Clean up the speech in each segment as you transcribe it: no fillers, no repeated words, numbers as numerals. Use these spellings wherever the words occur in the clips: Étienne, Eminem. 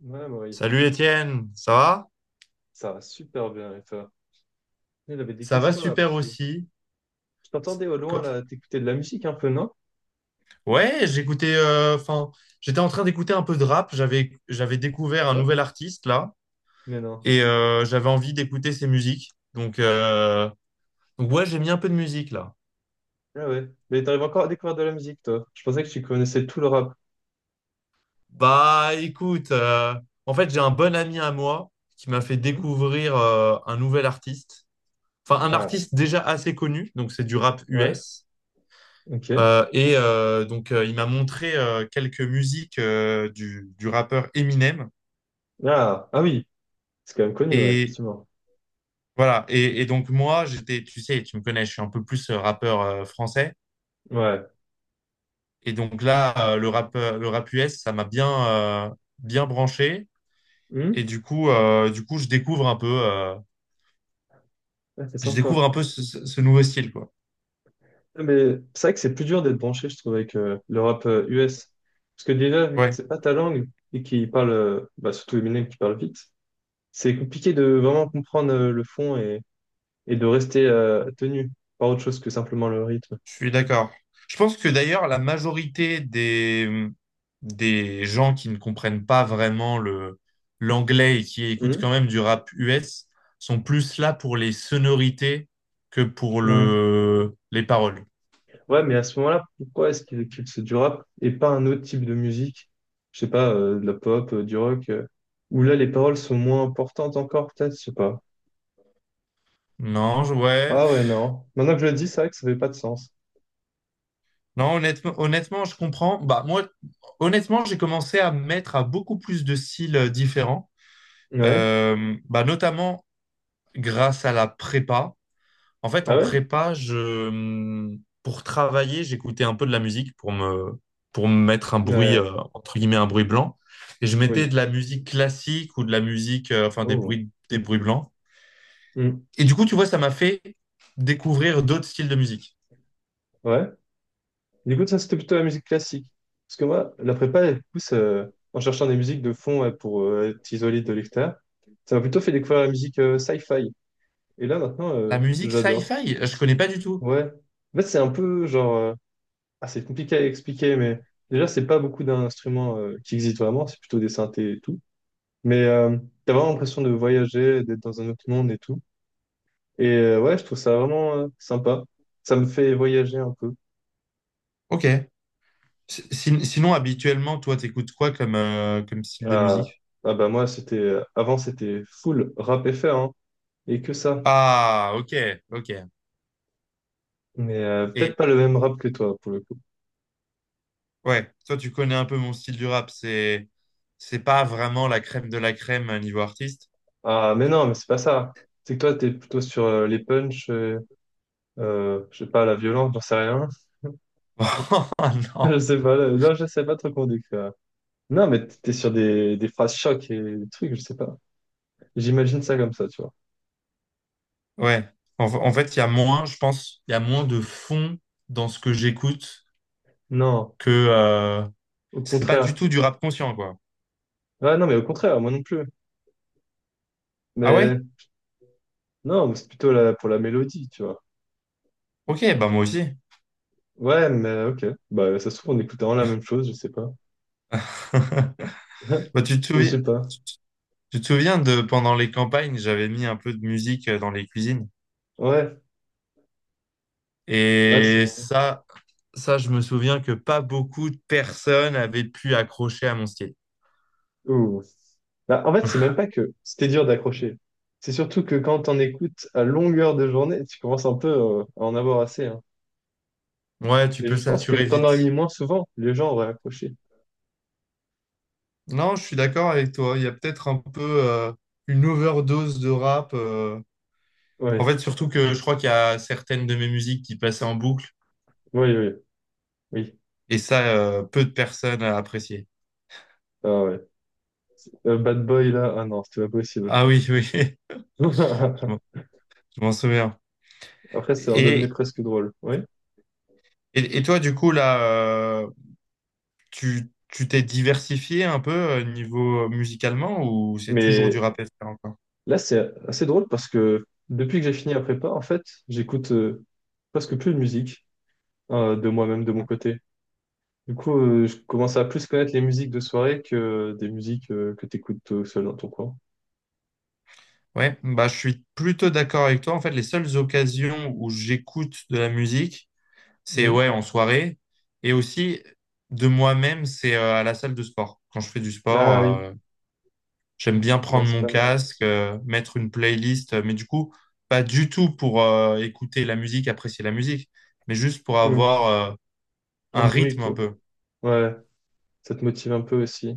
Ouais, Marie, Salut Étienne, ça va? ça va super bien et toi? Il avait des Ça va questions là super parce que aussi. je C'est- t'entendais au loin co- là, t'écoutais de la musique un peu, non? Ouais, j'écoutais, enfin, j'étais en train d'écouter un peu de rap. J'avais découvert un Ah ouais? nouvel artiste là, Mais non. et j'avais envie d'écouter ses musiques. Donc ouais, j'ai mis un peu de musique là. Ah ouais. Mais t'arrives encore à découvrir de la musique, toi. Je pensais que tu connaissais tout le rap. Bah, écoute, en fait, j'ai un bon ami à moi qui m'a fait Mhm. découvrir un nouvel artiste. Enfin, un Ah artiste déjà assez connu. Donc, c'est du rap ouais, US. ok. Et donc, il m'a montré quelques musiques du rappeur Eminem. Ah, ah oui, c'est quand même connu, ouais, Et effectivement. voilà. Et donc, moi, j'étais, tu sais, tu me connais, je suis un peu plus rappeur français. Ouais. Et donc là, le rap US, ça m'a bien, bien branché. Et Hmm. Du coup, je découvre un peu, Ah, c'est je sympa. découvre un peu ce nouveau style, quoi. Ah, mais c'est vrai que c'est plus dur d'être branché, je trouve, avec le rap US. Parce que déjà, vu que Ouais. c'est pas ta langue et qu'il parle, bah, surtout Eminem qui parle vite, c'est compliqué de vraiment comprendre le fond et de rester tenu par autre chose que simplement le rythme. Je suis d'accord. Je pense que d'ailleurs, la majorité des gens qui ne comprennent pas vraiment l'anglais et qui écoutent Mhm. quand même du rap US sont plus là pour les sonorités que pour Ouais. Les paroles. Ouais, mais à ce moment-là, pourquoi est-ce qu'il éclipse du rap et pas un autre type de musique? Je sais pas, de la pop, du rock, où là les paroles sont moins importantes encore, peut-être, je sais pas. Ouais. Ah ouais, pff. non. Maintenant que je le dis, c'est vrai que ça fait pas de sens. Non, honnêtement, honnêtement, je comprends. Bah, moi, honnêtement, j'ai commencé à me mettre à beaucoup plus de styles différents. Ouais, Bah, notamment grâce à la prépa. En fait, ah en ouais? prépa, pour travailler, j'écoutais un peu de la musique pour pour me mettre un bruit, Ouais, entre guillemets, un bruit blanc. Et je mettais oui. de la musique classique ou de la musique, enfin, Oh. Des bruits blancs. Mhm. Et du coup, tu vois, ça m'a fait découvrir d'autres styles de musique. Ouais. Du coup, ça, c'était plutôt la musique classique. Parce que moi, la prépa, elle pousse en cherchant des musiques de fond, ouais, pour être isolé de l'extérieur. Ça m'a plutôt fait découvrir la musique sci-fi. Et là, maintenant, La musique j'adore. sci-fi, je connais pas du tout. Ouais. En fait, c'est un peu genre. Ah, c'est compliqué à expliquer, mais déjà, c'est pas beaucoup d'instruments qui existent vraiment, c'est plutôt des synthés et tout. Mais t'as vraiment l'impression de voyager, d'être dans un autre monde et tout. Et ouais, je trouve ça vraiment sympa. Ça me fait voyager un peu. Ok. Sinon, habituellement, toi, t'écoutes quoi comme, comme style de Ah, musique? ah bah moi, c'était. Avant, c'était full rap FR, hein, et que ça. Ah, ok, ok. Mais peut-être Et pas le même rap que toi, pour le coup. ouais, toi, tu connais un peu mon style du rap. C'est pas vraiment la crème de la crème niveau artiste. Ah, mais non, mais c'est pas ça. C'est que toi, t'es plutôt sur les punchs. Je sais pas, la violence, j'en sais rien. Oh, non. Je sais pas, là, non, je sais pas trop comment décrire. Non, mais t'es sur des phrases choc et des trucs, je sais pas. J'imagine ça comme ça, tu vois. Ouais. En fait, il y a moins, je pense, il y a moins de fond dans ce que j'écoute Non, que au c'est pas du contraire. tout du rap conscient, quoi. Ouais, non, mais au contraire, moi non plus. Ah ouais? Mais non, mais c'est plutôt là pour la mélodie, tu vois. Ok, bah moi aussi. Ouais, mais ok. Bah, ça se trouve, on écoute vraiment la même chose, je sais pas. Mais Bah, je sais pas. tu te souviens de pendant les campagnes, j'avais mis un peu de musique dans les cuisines. Ouais, ouais, c'est Et vrai. ça, Ça, je me souviens que pas beaucoup de personnes avaient pu accrocher à mon style. Ouh. Bah, en fait, c'est même pas que c'était dur d'accrocher. C'est surtout que quand on écoute à longueur de journée, tu commences un peu à en avoir assez, hein. Ouais, tu Mais je peux pense que saturer t'en aurais mis vite. moins souvent, les gens auraient accroché. Non, je suis d'accord avec toi. Il y a peut-être un peu une overdose de rap. En Ouais, fait, surtout que je crois qu'il y a certaines de mes musiques qui passaient en boucle oui, oui, oui. et ça, peu de personnes appréciaient. Ah ouais. Bad Boy là, ah non, c'était pas possible. Ah oui, oui, je m'en je m'en souviens. Après, ça redevenait Et, presque drôle, oui. et toi, du coup, là, tu t'es diversifié un peu niveau musicalement ou c'est toujours du Mais rap FR encore? là, c'est assez drôle parce que depuis que j'ai fini la prépa, en fait, j'écoute presque plus de musique de moi-même, de mon côté. Du coup, je commence à plus connaître les musiques de soirée que des musiques que t'écoutes tout seul dans ton coin. Ouais, bah, je suis plutôt d'accord avec toi. En fait, les seules occasions où j'écoute de la musique, c'est Mhm. ouais, en soirée. Et aussi, de moi-même, c'est à la salle de sport. Quand je fais du Ah sport, oui. J'aime bien Ouais, prendre c'est mon pas mal. casque, mettre une playlist. Mais du coup, pas du tout pour écouter la musique, apprécier la musique, mais juste pour Mhm. avoir euh, Un un bruit, rythme un quoi. peu. Ouais, ça te motive un peu aussi.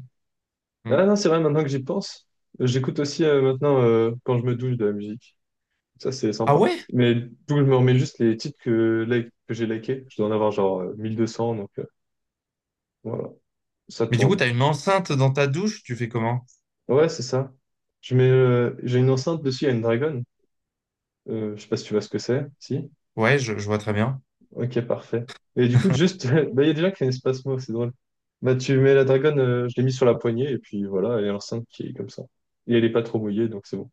Mm. Ah non, c'est vrai, maintenant que j'y pense, j'écoute aussi maintenant quand je me douche de la musique. Ça, c'est Ah sympa. ouais? Mais du coup, je me remets juste les titres que j'ai likés. Je dois en avoir genre 1200, donc voilà, ça Mais du coup, tourne. t'as une enceinte dans ta douche, tu fais comment? Ouais, c'est ça. Je mets, j'ai une enceinte dessus, il y a une Dragon. Je sais pas si tu vois ce que c'est. Si? Ouais, je vois très bien. Ok, parfait. Et du coup, juste, bah, il y a déjà qui a un espace mot, c'est drôle. Bah, tu mets la Dragon, je l'ai mis sur la poignée, et puis voilà, elle est enceinte qui est comme ça. Et elle est pas trop mouillée, donc c'est bon.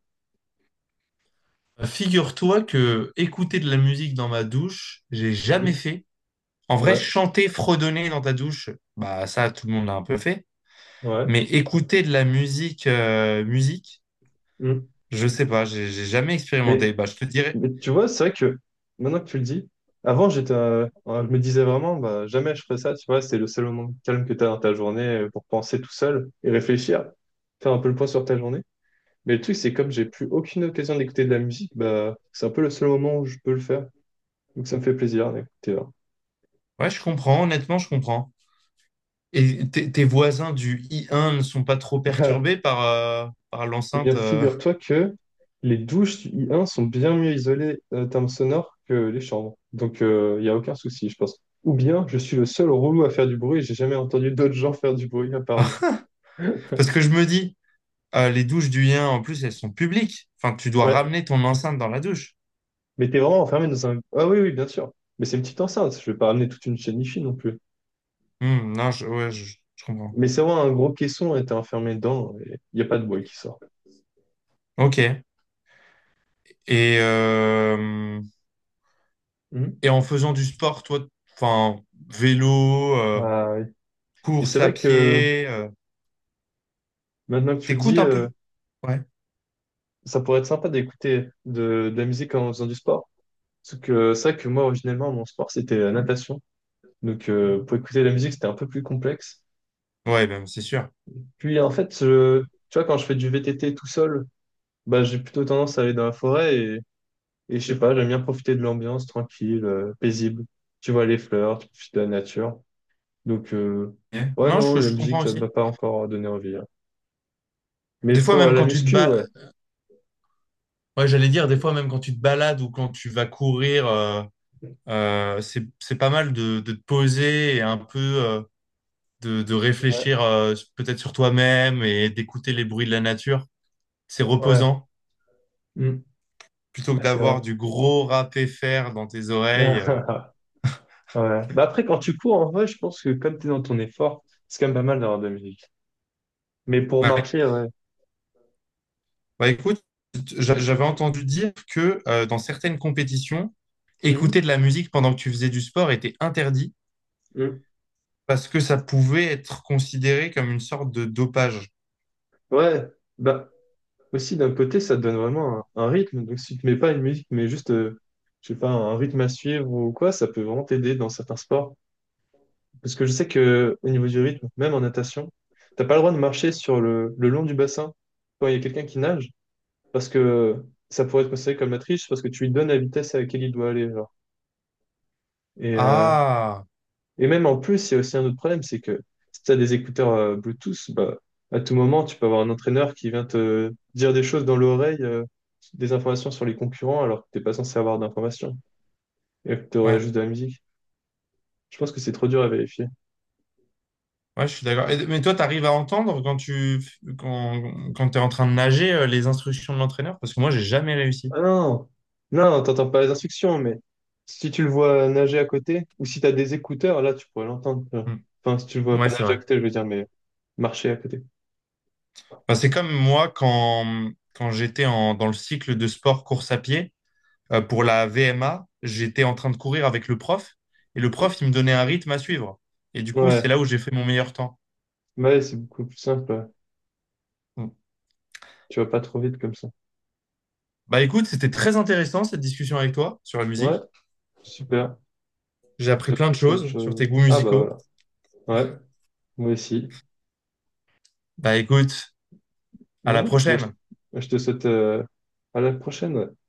Figure-toi que écouter de la musique dans ma douche, j'ai jamais Hmm. fait. En vrai, Ouais, chanter, fredonner dans ta douche, bah ça, tout le monde l'a un peu fait. ouais. Mais écouter de la musique, musique, Hmm. je sais pas, j'ai jamais Mais expérimenté. Bah, je te dirais, Mais tu vois, c'est vrai que maintenant que tu le dis, avant j'étais, je me disais vraiment, bah, jamais je ferais ça, tu vois, c'est le seul moment de calme que tu as dans ta journée pour penser tout seul et réfléchir, faire un peu le point sur ta journée. Mais le truc, c'est comme j'ai plus aucune occasion d'écouter de la musique, bah, c'est un peu le seul moment où je peux le faire. Donc ça me fait plaisir d'écouter. ouais, je comprends, honnêtement, je comprends. Et tes voisins du I1 ne sont pas trop Hein. perturbés par, par Eh bien, l'enceinte. figure-toi que les douches du I1 sont bien mieux isolées en termes sonores que les chambres. Donc, il n'y a aucun souci, je pense. Ou bien, je suis le seul relou à faire du bruit et j'ai jamais entendu d'autres gens faire du bruit à part moi. Parce que je me dis, les douches du I1, en plus, elles sont publiques. Enfin, tu dois Ouais. ramener ton enceinte dans la douche. Mais t'es vraiment enfermé dans un. Ah oui, oui, bien sûr. Mais c'est une petite enceinte. Je vais pas ramener toute une chaîne hi non plus. Hmm, non, je, ouais, je comprends. Mais c'est vraiment un gros caisson et t'es enfermé dedans et il n'y a pas de bruit qui sort. Ok. Et, euh, Mhm. et en faisant du sport, toi, enfin, vélo, Ah oui. Et c'est course à vrai que pied, maintenant que tu le t'écoutes dis, un peu? Ouais. ça pourrait être sympa d'écouter de la musique en faisant du sport. Sauf que ça que moi originellement mon sport c'était la natation. Donc pour écouter la musique c'était un peu plus complexe. Ouais, ben, c'est sûr. Puis en fait tu vois quand je fais du VTT tout seul, bah j'ai plutôt tendance à aller dans la forêt et je sais pas, j'aime bien profiter de l'ambiance tranquille, paisible. Tu vois les fleurs, tu profites de la nature. Donc Ouais. ouais Non, non, la je comprends musique ça m'a aussi. pas encore donné envie, hein. Mais Des fois, pour même la quand tu te muscu, ba- ouais. Ouais, j'allais dire, des Mm. fois, même quand tu te balades ou quand tu vas courir, c'est pas mal de te poser et un peu de Ouais, réfléchir peut-être sur toi-même et d'écouter les bruits de la nature. C'est ouais. reposant. Mm. Plutôt que Ouais, c'est vrai. d'avoir du gros râpé fer dans tes oreilles. Ouais. Bah après quand tu cours en vrai, je pense que comme tu es dans ton effort, c'est quand même pas mal d'avoir de la musique. Mais pour Ouais. marcher, ouais. Bah, écoute, j'avais entendu dire que dans certaines compétitions, Mhm, écouter de la musique pendant que tu faisais du sport était interdit mhm. parce que ça pouvait être considéré comme une sorte de dopage. Ouais, bah aussi d'un côté, ça te donne vraiment un rythme. Donc si tu mets pas une musique, mais juste, je sais pas, un rythme à suivre ou quoi, ça peut vraiment t'aider dans certains sports. Parce que je sais que au niveau du rythme, même en natation, t'as pas le droit de marcher sur le long du bassin quand il y a quelqu'un qui nage, parce que ça pourrait être considéré comme la triche, parce que tu lui donnes la vitesse à laquelle il doit aller, genre. Et euh, Ah, Et même en plus, il y a aussi un autre problème, c'est que si tu as des écouteurs Bluetooth, bah, à tout moment, tu peux avoir un entraîneur qui vient te dire des choses dans l'oreille, des informations sur les concurrents, alors que t'es pas censé avoir d'informations et que tu aurais ouais, juste de la musique. Je pense que c'est trop dur à vérifier. ouais, je suis d'accord. Et- Mais toi, tu arrives à entendre quand, quand tu es en train de nager les instructions de l'entraîneur? Parce que moi, j'ai jamais réussi. Ah non, non, t'entends pas les instructions, mais si tu le vois nager à côté, ou si tu as des écouteurs, là, tu pourrais l'entendre, tu vois. Hmm. Enfin, si tu le vois pas Ouais, c'est nager à vrai. côté, je veux dire, mais marché à côté. Bah, c'est comme moi quand, quand j'étais en, dans le cycle de sport course à pied. Pour la VMA, j'étais en train de courir avec le prof et le prof, il me donnait un rythme à suivre. Et du coup, c'est Ouais, là où j'ai fait mon meilleur temps. ouais, c'est beaucoup plus simple, ouais. Donc, Tu vas pas trop vite comme ça. bah écoute, c'était très intéressant cette discussion avec toi sur la Ouais, musique. super. J'ai J'ai appris plein appris de plein de choses sur tes choses. goûts Ah musicaux. bah voilà. Ouais, moi aussi. Bah écoute, à la Ouais, bah, je, prochaine. je te souhaite à la prochaine. Ouais.